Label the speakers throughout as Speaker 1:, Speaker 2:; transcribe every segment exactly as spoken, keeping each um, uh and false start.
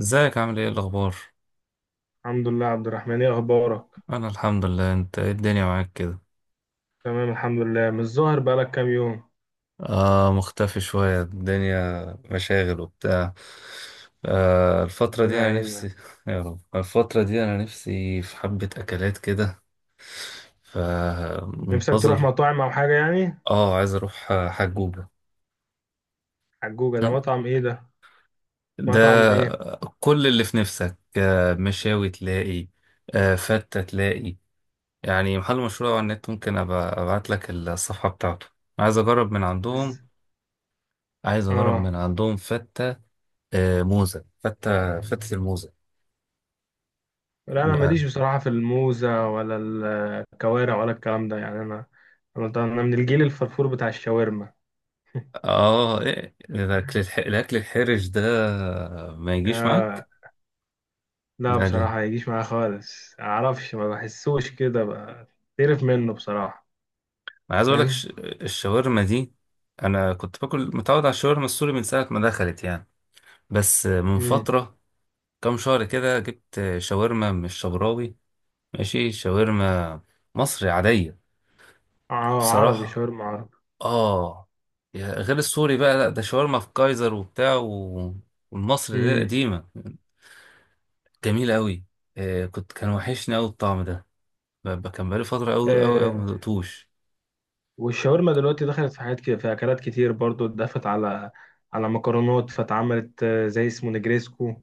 Speaker 1: ازيك عامل ايه الاخبار؟
Speaker 2: الحمد لله عبد الرحمن، ايه اخبارك؟
Speaker 1: انا الحمد لله. انت ايه الدنيا معاك كده؟
Speaker 2: تمام الحمد لله، مش ظاهر بقالك كام يوم.
Speaker 1: آه، مختفي شوية الدنيا. مشاغل وبتاع. آه، الفترة دي
Speaker 2: ربنا
Speaker 1: انا
Speaker 2: يعينك.
Speaker 1: نفسي يا رب. الفترة دي انا نفسي في حبة اكلات كده.
Speaker 2: نفسك تروح
Speaker 1: فمنتظر.
Speaker 2: مطاعم او حاجه يعني؟
Speaker 1: اه، عايز اروح حجوجة.
Speaker 2: حجوجه ده مطعم ايه ده؟ مطعم
Speaker 1: ده.
Speaker 2: ايه؟
Speaker 1: كل اللي في نفسك. آه، مشاوي تلاقي. آه، فتة تلاقي. يعني محل مشهور أوي على النت، ممكن أبقى أبعت لك الصفحة بتاعته. عايز أجرب من عندهم.
Speaker 2: إز...
Speaker 1: عايز اجرب
Speaker 2: اه
Speaker 1: من عندهم فتة. آه، موزة، فتة، فتة الموزة.
Speaker 2: لا، انا
Speaker 1: اه.
Speaker 2: ماليش بصراحه في الموزه ولا الكوارع ولا الكلام ده يعني، انا انا أنا من الجيل الفرفور بتاع الشاورما.
Speaker 1: آه، إيه ده، الاكل الح... الاكل الحرج ده؟ ما يجيش
Speaker 2: آه
Speaker 1: معاك؟
Speaker 2: لا
Speaker 1: ده ليه؟
Speaker 2: بصراحه ما يجيش معايا خالص، اعرفش ما بحسوش كده بقى. تعرف منه بصراحه.
Speaker 1: انا عايز اقول لك ش...
Speaker 2: فاهم.
Speaker 1: الشاورما دي. انا كنت باكل متعود على الشاورما السوري من ساعة ما دخلت يعني. بس من
Speaker 2: امم
Speaker 1: فترة، كام شهر كده، جبت شاورما مش شبراوي. ماشي، شاورما مصري عادية.
Speaker 2: اه عربي،
Speaker 1: بصراحة،
Speaker 2: شاورما عربي.
Speaker 1: اه، يا- غير السوري بقى، لا ده شاورما في كايزر وبتاع و- والمصري اللي هي
Speaker 2: امم
Speaker 1: القديمة. جميلة قوي. آه، كنت كان وحشني قوي الطعم ده. ب- ب- كان بقالي فترة قوي قوي قوي ما
Speaker 2: آه.
Speaker 1: دقتوش.
Speaker 2: والشاورما دلوقتي دخلت في حاجات كده، في اكلات كتير برضو اتضافت على على مكرونات، فاتعملت آه، زي اسمه نجريسكو.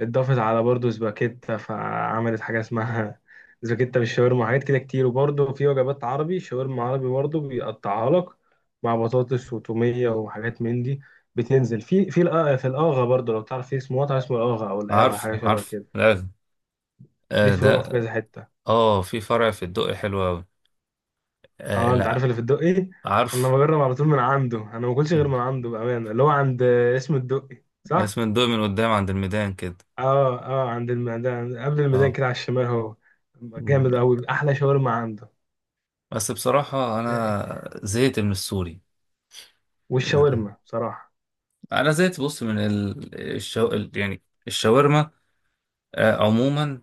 Speaker 2: اتضافت على برضو سباكيتا، فعملت حاجه اسمها سباكيتا بالشاورما، حاجات كده كتير. وبرضو في وجبات عربي، شاورما عربي برضو بيقطعها لك مع بطاطس وتوميه وحاجات من دي. بتنزل في في الآ- في الاغا برضو، لو تعرف في اسمه مطعم اسمه الاغا او الاغا
Speaker 1: عارفه
Speaker 2: حاجه شبه
Speaker 1: عارفه،
Speaker 2: كده.
Speaker 1: لازم.
Speaker 2: ليه
Speaker 1: آه،
Speaker 2: فروع في
Speaker 1: ده.
Speaker 2: كذا حته.
Speaker 1: اه، في فرع في الدقي حلو قوي. آه،
Speaker 2: اه انت عارف
Speaker 1: لا.
Speaker 2: اللي في الدقي. انا
Speaker 1: عارفه.
Speaker 2: بجرب على طول من عنده، انا ما باكلش غير من عنده بامانه، اللي هو عند اسم الدقي صح.
Speaker 1: اسم الدقي من قدام عند الميدان كده.
Speaker 2: اه اه، عند الميدان، قبل الميدان
Speaker 1: اه.
Speaker 2: كده على الشمال هو. جامد قوي، احلى شاورما عنده.
Speaker 1: بس بصراحة
Speaker 2: جاي.
Speaker 1: أنا زهقت من السوري. آه،
Speaker 2: والشاورما بصراحه.
Speaker 1: أنا زهقت، بص، من ال- الشو... يعني الشاورما. آه، عموما،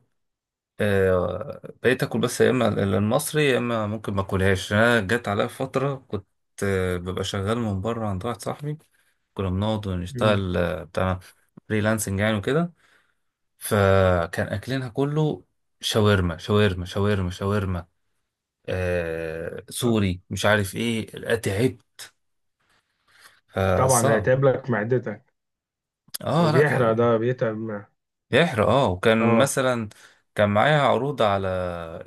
Speaker 1: آه، بقيت اكل بس يا اما المصري، يا اما ممكن ما اكلهاش. انا جت عليا فتره كنت آه، ببقى شغال من بره عند واحد صاحبي. كنا بنقعد
Speaker 2: امم
Speaker 1: ونشتغل، آه، بتاع فريلانسنج يعني وكده. فكان اكلنا كله شاورما شاورما شاورما شاورما، آه،
Speaker 2: آه،
Speaker 1: سوري مش عارف ايه. لا، تعبت.
Speaker 2: طبعا
Speaker 1: فصعب.
Speaker 2: هيتعب لك معدتك،
Speaker 1: اه، لا،
Speaker 2: وبيحرق
Speaker 1: كان
Speaker 2: ده بيتعب معاه.
Speaker 1: بيحرق، اه، وكان
Speaker 2: اه
Speaker 1: مثلا كان معايا عروض على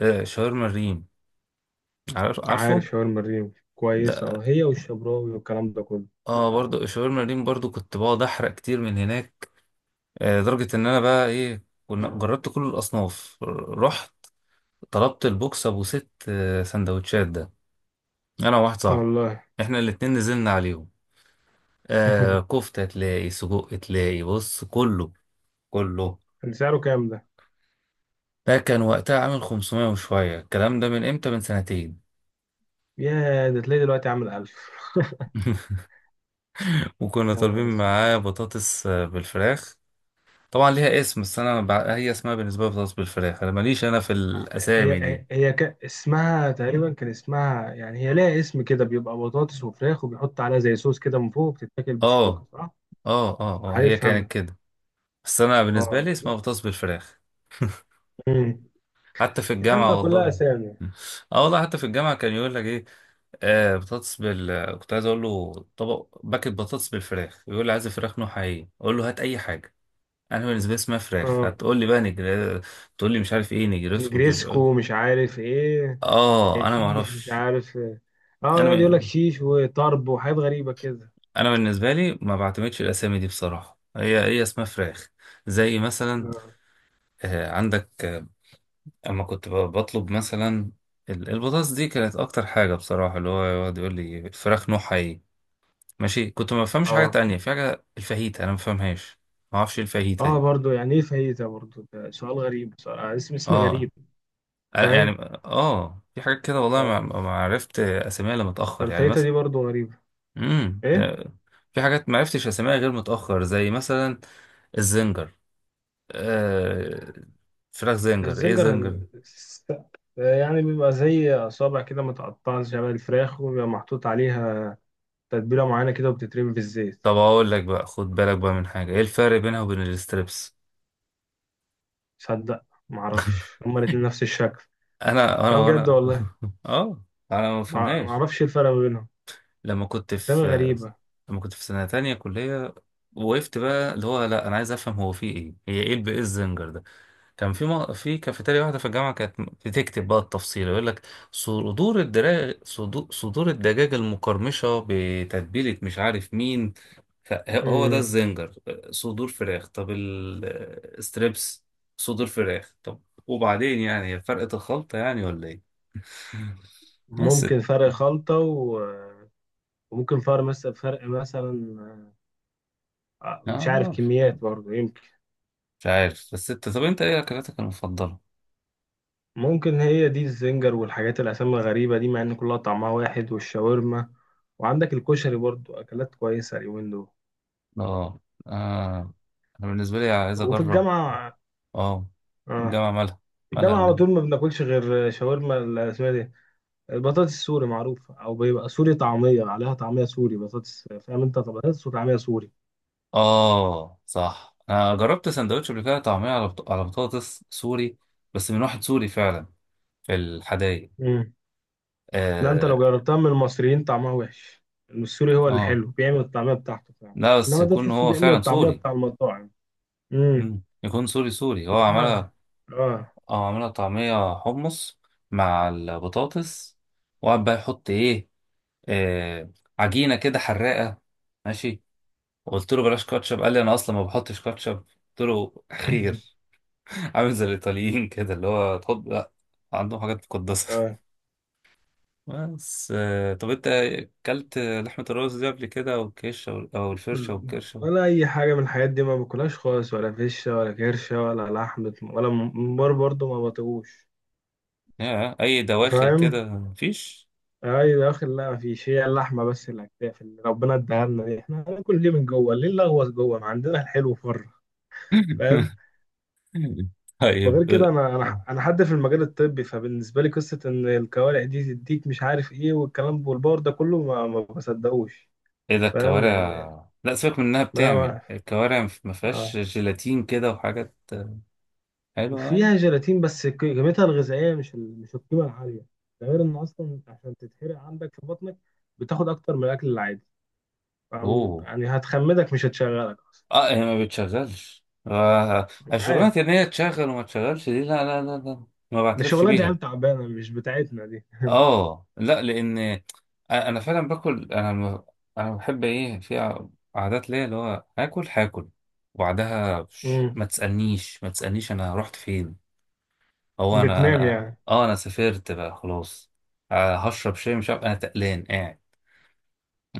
Speaker 1: آه، شاورما الريم. عارف-
Speaker 2: عارف،
Speaker 1: عارفه؟
Speaker 2: شاورما الريم كويسه،
Speaker 1: ده.
Speaker 2: اه، هي والشبراوي والكلام ده كله.
Speaker 1: اه، برضو شاورما ريم، برضو كنت بقعد احرق كتير من هناك. آه، لدرجة ان انا بقى ايه، كنا جربت كل الاصناف، رحت طلبت البوكس ابو ست، آه، سندوتشات ده. انا وواحد صاحبي،
Speaker 2: والله.
Speaker 1: احنا الاتنين نزلنا عليهم. آه، كفتة تلاقي، سجق تلاقي، بص، كله كله.
Speaker 2: كان سعره كام ده؟
Speaker 1: ده كان وقتها عامل خمسمائة وشوية. الكلام ده من امتى، من سنتين.
Speaker 2: يا ده تلاقي دلوقتي عامل ألف.
Speaker 1: وكنا
Speaker 2: يا
Speaker 1: طالبين
Speaker 2: عارف.
Speaker 1: معاه بطاطس، آه، بالفراخ. طبعا ليها اسم، بس انا بع- هي اسمها بالنسبة لي بطاطس بالفراخ. انا ماليش انا في
Speaker 2: هي
Speaker 1: الاسامي دي.
Speaker 2: هي هي ك... اسمها تقريبا، كان اسمها يعني، هي لها اسم كده بيبقى بطاطس وفراخ، وبيحط عليها زي صوص كده من فوق وبتتاكل
Speaker 1: اه
Speaker 2: بالشوكة صح؟
Speaker 1: اه اه اه، هي
Speaker 2: عارف انا.
Speaker 1: كانت كده. بس انا بالنسبه
Speaker 2: اه.
Speaker 1: لي اسمها بطاطس بالفراخ.
Speaker 2: امم.
Speaker 1: حتى في
Speaker 2: يا عم
Speaker 1: الجامعه
Speaker 2: كلها
Speaker 1: والله.
Speaker 2: اسامي.
Speaker 1: اه والله، حتى في الجامعه كان يقول لك ايه. آه، بطاطس بال كنت عايز اقول له طبق باكت بطاطس بالفراخ، يقول لي عايز فراخ نوعها ايه، اقول له هات اي حاجه. انا بالنسبه لي اسمها فراخ،
Speaker 2: اه،
Speaker 1: هتقول لي بقى نجر، تقول لي مش عارف ايه، نجرسكو بجج-
Speaker 2: نجريسكو مش عارف ايه. إيه،
Speaker 1: اه انا ما
Speaker 2: شيش مش
Speaker 1: اعرفش.
Speaker 2: عارف إيه. اه
Speaker 1: انا
Speaker 2: يقعد يقول لك
Speaker 1: ب...
Speaker 2: شيش وطرب وحاجات غريبة كده.
Speaker 1: انا بالنسبه لي ما بعتمدش الاسامي دي بصراحه، هي هي اسمها فراخ. زي مثلا
Speaker 2: اه
Speaker 1: آه عندك، اما كنت ب- بطلب مثلا ال- البطاطس دي كانت اكتر حاجه بصراحه، اللي هو يقعد يقول لي الفراخ نوعها ايه. ماشي. كنت ما بفهمش حاجه
Speaker 2: اه
Speaker 1: تانية، في حاجه الفاهيتا انا ما بفهمهاش. ما اعرفش إيه الفاهيتا
Speaker 2: اه
Speaker 1: دي.
Speaker 2: برضه، يعني ايه فايته برضه؟ ده سؤال غريب بصراحة، اسم اسم
Speaker 1: اه،
Speaker 2: غريب.
Speaker 1: أنا يعني،
Speaker 2: فاهم.
Speaker 1: اه، في حاجات كده والله ما, ما
Speaker 2: ف-
Speaker 1: عرفت اساميها الا متاخر، يعني
Speaker 2: فالفايته
Speaker 1: مثلا.
Speaker 2: دي برضه غريبة.
Speaker 1: امم
Speaker 2: ايه
Speaker 1: في حاجات ما عرفتش اساميها غير متاخر، زي مثلا الزنجر. آه، فراخ زنجر، ايه
Speaker 2: الزنجر؟
Speaker 1: زنجر؟
Speaker 2: س- يعني بيبقى زي أصابع كده متقطعة شبه الفراخ، وبيبقى محطوط عليها تتبيلة معينة كده وبتترمي في الزيت.
Speaker 1: طب اقول لك بقى، خد بالك بقى من حاجه، ايه الفرق بينها وبين الستريبس؟
Speaker 2: صدق معرفش، هما الاتنين نفس الشكل.
Speaker 1: انا
Speaker 2: أه
Speaker 1: انا انا
Speaker 2: بجد والله.
Speaker 1: اه، انا ما
Speaker 2: مع-
Speaker 1: بفهمهاش.
Speaker 2: معرفش إيه الفرق ما بينهم.
Speaker 1: لما كنت
Speaker 2: أسامي
Speaker 1: في
Speaker 2: غريبة.
Speaker 1: لما كنت في سنه تانية كليه، وقفت بقى اللي هو، لا، انا عايز افهم، هو في ايه، هي ايه الب- ايه الزنجر ده. كان في م... في كافيتيريا واحده في الجامعه كانت بتكتب بقى التفصيل، يقول لك صدور الدراج صدور صدور الدجاج المقرمشه بتتبيله مش عارف مين، فهو ده
Speaker 2: مم.
Speaker 1: الزنجر. صدور فراخ، طب الستريبس؟ صدور فراخ، طب. وبعدين يعني هي فرقه الخلطه يعني، ولا ايه؟ بس اه،
Speaker 2: ممكن فرق خلطة و... وممكن فرق مثلا، فرق مثلا آه، مش عارف
Speaker 1: آه،
Speaker 2: كميات برضه يمكن.
Speaker 1: مش عارف. بس انت، طب انت ايه اكلاتك المفضله؟
Speaker 2: ممكن هي دي الزنجر والحاجات الأسامي الغريبة دي، مع إن كلها طعمها واحد. والشاورما وعندك الكشري برضو أكلات كويسة اليومين دول.
Speaker 1: اه اه، انا بالنسبه لي عايز
Speaker 2: وفي
Speaker 1: اجرب.
Speaker 2: الجامعة،
Speaker 1: اه،
Speaker 2: آه،
Speaker 1: الجامعه مالها؟
Speaker 2: في
Speaker 1: مالها
Speaker 2: الجامعة على
Speaker 1: الجامعه؟
Speaker 2: طول ما بناكلش غير شاورما ال- اسمها إيه دي، البطاطس السوري معروفة، أو بيبقى سوري طعمية عليها، طعمية سوري بطاطس، فاهم أنت، بطاطس وطعمية سوري.
Speaker 1: اه صح، انا جربت سندوتش قبل كده طعميه على بط... على بطاطس سوري، بس من واحد سوري فعلا، في الحدايق.
Speaker 2: مم. لا أنت
Speaker 1: اه.
Speaker 2: لو جربتها من المصريين طعمها وحش. السوري هو اللي
Speaker 1: اه،
Speaker 2: حلو، بيعمل الطعمية بتاعته فعلا.
Speaker 1: لا بس
Speaker 2: إنما ده
Speaker 1: يكون
Speaker 2: تحسه
Speaker 1: هو
Speaker 2: بيعمل
Speaker 1: فعلا
Speaker 2: الطعمية
Speaker 1: سوري.
Speaker 2: بتاع المطاعم. امم.
Speaker 1: مم. يكون سوري سوري هو عملها.
Speaker 2: هما. آه.
Speaker 1: اه، عملها طعميه حمص مع البطاطس، وقعد بقى يحط ايه، آه، عجينه كده حراقه. ماشي. قلت له بلاش كاتشب، قال لي انا اصلا ما بحطش كاتشب، قلت له خير. عامل زي الايطاليين كده اللي هو تحط لا، عندهم حاجات مقدسه.
Speaker 2: اه
Speaker 1: بس آه، طب انت اكلت لحمه الرز دي قبل كده، او الكشه، او أو الفرشه
Speaker 2: بال-
Speaker 1: والكرشه؟
Speaker 2: ولا اي حاجه من الحاجات دي ما باكلهاش خالص، ولا فشه ولا كرشه ولا لحمه ولا ممبار برضو ما بطيقوش.
Speaker 1: يا اي دواخل
Speaker 2: فاهم،
Speaker 1: كده مفيش؟
Speaker 2: اي داخل لا، مفيش. هي اللحمه بس اللي هتاكل، اللي ربنا اداها لنا دي، احنا هناكل ليه من جوه؟ ليه نلغوص جوه ما عندنا الحلو بره؟ فاهم. وغير
Speaker 1: طيب،
Speaker 2: كده
Speaker 1: آه،
Speaker 2: انا، انا انا حد في المجال الطبي، فبالنسبه لي قصه ان الكوارع دي تديك مش عارف ايه والكلام والبار ده كله، ما ما بصدقوش.
Speaker 1: ايه ده
Speaker 2: فاهم يعني.
Speaker 1: الكوارع؟ لا سيبك من انها
Speaker 2: ما
Speaker 1: بتعمل
Speaker 2: ما
Speaker 1: الكوارع، ما فيهاش
Speaker 2: آه.
Speaker 1: جيلاتين كده وحاجات حلوه يعني.
Speaker 2: فيها جيلاتين بس، ك- قيمتها الغذائيه مش ال- مش القيمه العاليه. ده غير ان اصلا عشان تتحرق عندك في بطنك، بتاخد اكتر من الاكل العادي. فاهم؟
Speaker 1: اوه،
Speaker 2: يعني هتخمدك مش هتشغلك اصلا.
Speaker 1: اه، هي ما بتشغلش. آه آه، الشغلانه
Speaker 2: عارف.
Speaker 1: ان هي تشغل وما تشغلش دي، لا لا لا لا. ما
Speaker 2: ده
Speaker 1: بعترفش
Speaker 2: شغلانه
Speaker 1: بيها.
Speaker 2: عيال تعبانه مش بتاعتنا دي.
Speaker 1: اه، لا، لان أ- انا فعلا باكل، انا م- انا بحب ايه في ع- عادات ليا اللي هو هاكل هاكل، وبعدها ش-
Speaker 2: امم.
Speaker 1: ما تسالنيش ما تسالنيش انا رحت فين. هو انا
Speaker 2: بتنام
Speaker 1: انا
Speaker 2: يعني.
Speaker 1: اه انا سافرت بقى خلاص. آه، هشرب شاي، مش عارف، انا تقلان قاعد.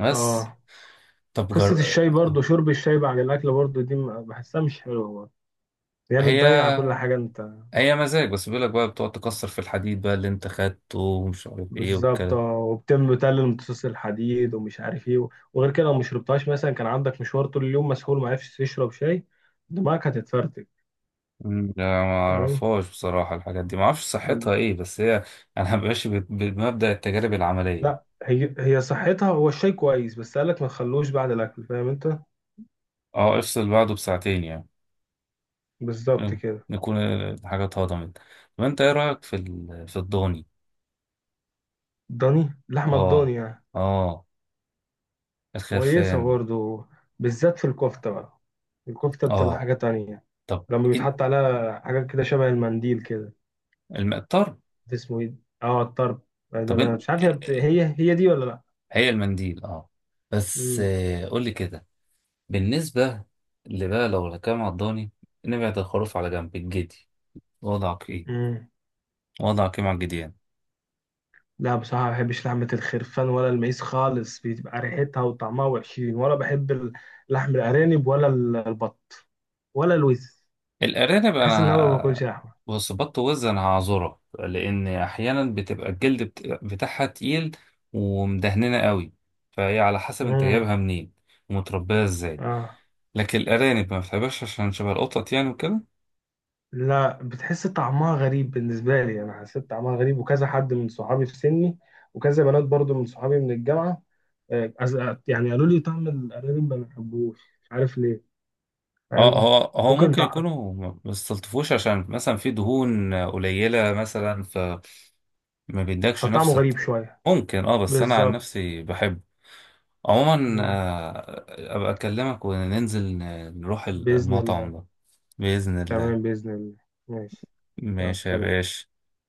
Speaker 1: بس،
Speaker 2: اه.
Speaker 1: طب
Speaker 2: قصه
Speaker 1: جر...
Speaker 2: الشاي برضو، شرب الشاي بعد الاكل برضو دي م- بحسها مش حلوه برضو. هي
Speaker 1: هي
Speaker 2: بتضيع كل حاجه انت.
Speaker 1: اي مزاج، بس بيقول لك بقى بتقعد تكسر في الحديد بقى اللي انت خدته، ومش عارف ايه
Speaker 2: بالظبط
Speaker 1: والكلام.
Speaker 2: اه، وبتم تقلل امتصاص الحديد ومش عارف ايه. وغير كده لو ما شربتهاش مثلا، كان عندك مشوار طول اليوم مسحول ما عرفتش تشرب شاي، دماغك هتتفرتك.
Speaker 1: مم. لا ما
Speaker 2: فاهم.
Speaker 1: اعرفهاش بصراحه، الحاجات دي ما اعرفش
Speaker 2: مم.
Speaker 1: صحتها ايه، بس هي انا ماشي بت- بمبدا التجارب العمليه.
Speaker 2: لا هي، هي صحتها، هو الشاي كويس، بس قالك ما تخلوش بعد الاكل، فاهم انت.
Speaker 1: اه، افصل بعده بساعتين يعني.
Speaker 2: بالظبط
Speaker 1: يلا،
Speaker 2: كده.
Speaker 1: نكون الحاجات اتهضمت. طب انت ايه رايك في ال- في الضاني؟
Speaker 2: ضاني، لحمه
Speaker 1: اه
Speaker 2: الضاني يعني.
Speaker 1: اه،
Speaker 2: كويسه
Speaker 1: الخرفان.
Speaker 2: برضو، بالذات في الكفته بقى. الكفته بتبقى
Speaker 1: اه،
Speaker 2: حاجه تانية
Speaker 1: طب
Speaker 2: لما
Speaker 1: إيه
Speaker 2: بيتحط عليها حاجات كده شبه المنديل كده.
Speaker 1: الم- الطرب؟
Speaker 2: اسمه ايه؟ اه الطرب. آه، ده
Speaker 1: طب إيه،
Speaker 2: أنا مش عارف هي بت- هي هي دي ولا لا.
Speaker 1: هي المنديل، اه. بس
Speaker 2: مم.
Speaker 1: آه، قول لي كده بالنسبة، اللي بقى لو هنتكلم على الضاني، نبعد الخروف على جنب، الجدي، وضعك ايه؟
Speaker 2: مم.
Speaker 1: وضعك ايه مع الجديان؟
Speaker 2: لا بصراحة ما بحبش لحمة الخرفان ولا المعيز خالص، بتبقى ريحتها وطعمها وحشين. ولا بحب ال- لحم الأرانب، ولا ال- البط ولا الوز.
Speaker 1: الأرانب
Speaker 2: بحس إن أنا ما باكلش
Speaker 1: أنا،
Speaker 2: لحمة.
Speaker 1: بص، بط وز أنا هعذرها لأن أحيانا بتبقى الجلد بت- بتاعها تقيل ومدهننة قوي، فهي على حسب أنت
Speaker 2: مم.
Speaker 1: جايبها منين ومتربية ازاي.
Speaker 2: آه.
Speaker 1: لكن الأرانب ما بتحبهاش عشان شبه القطط يعني وكده.
Speaker 2: لا بتحس طعمها غريب، بالنسبة لي أنا حسيت طعمها غريب، وكذا حد من صحابي في سني، وكذا بنات برضو من صحابي من الجامعة. آه، أز- يعني قالوا لي طعم الأرانب ما بحبوش مش عارف ليه.
Speaker 1: اه،
Speaker 2: فاهم.
Speaker 1: هو هو
Speaker 2: ممكن
Speaker 1: ممكن
Speaker 2: طع...
Speaker 1: يكونوا ما بيستلطفوش عشان مثلا في دهون قليلة مثلا، ما بيدكش
Speaker 2: فطعمه
Speaker 1: نفس الت...
Speaker 2: غريب شوية.
Speaker 1: ممكن، اه، بس انا عن
Speaker 2: بالظبط.
Speaker 1: نفسي بحبه. عموما،
Speaker 2: مم.
Speaker 1: آه، ابقى اكلمك وننزل ن- نروح
Speaker 2: بإذن
Speaker 1: المطعم
Speaker 2: الله.
Speaker 1: ده. بإذن الله.
Speaker 2: تمام بإذن الله. ماشي. يلا
Speaker 1: ماشي يا
Speaker 2: سلام.
Speaker 1: باشا.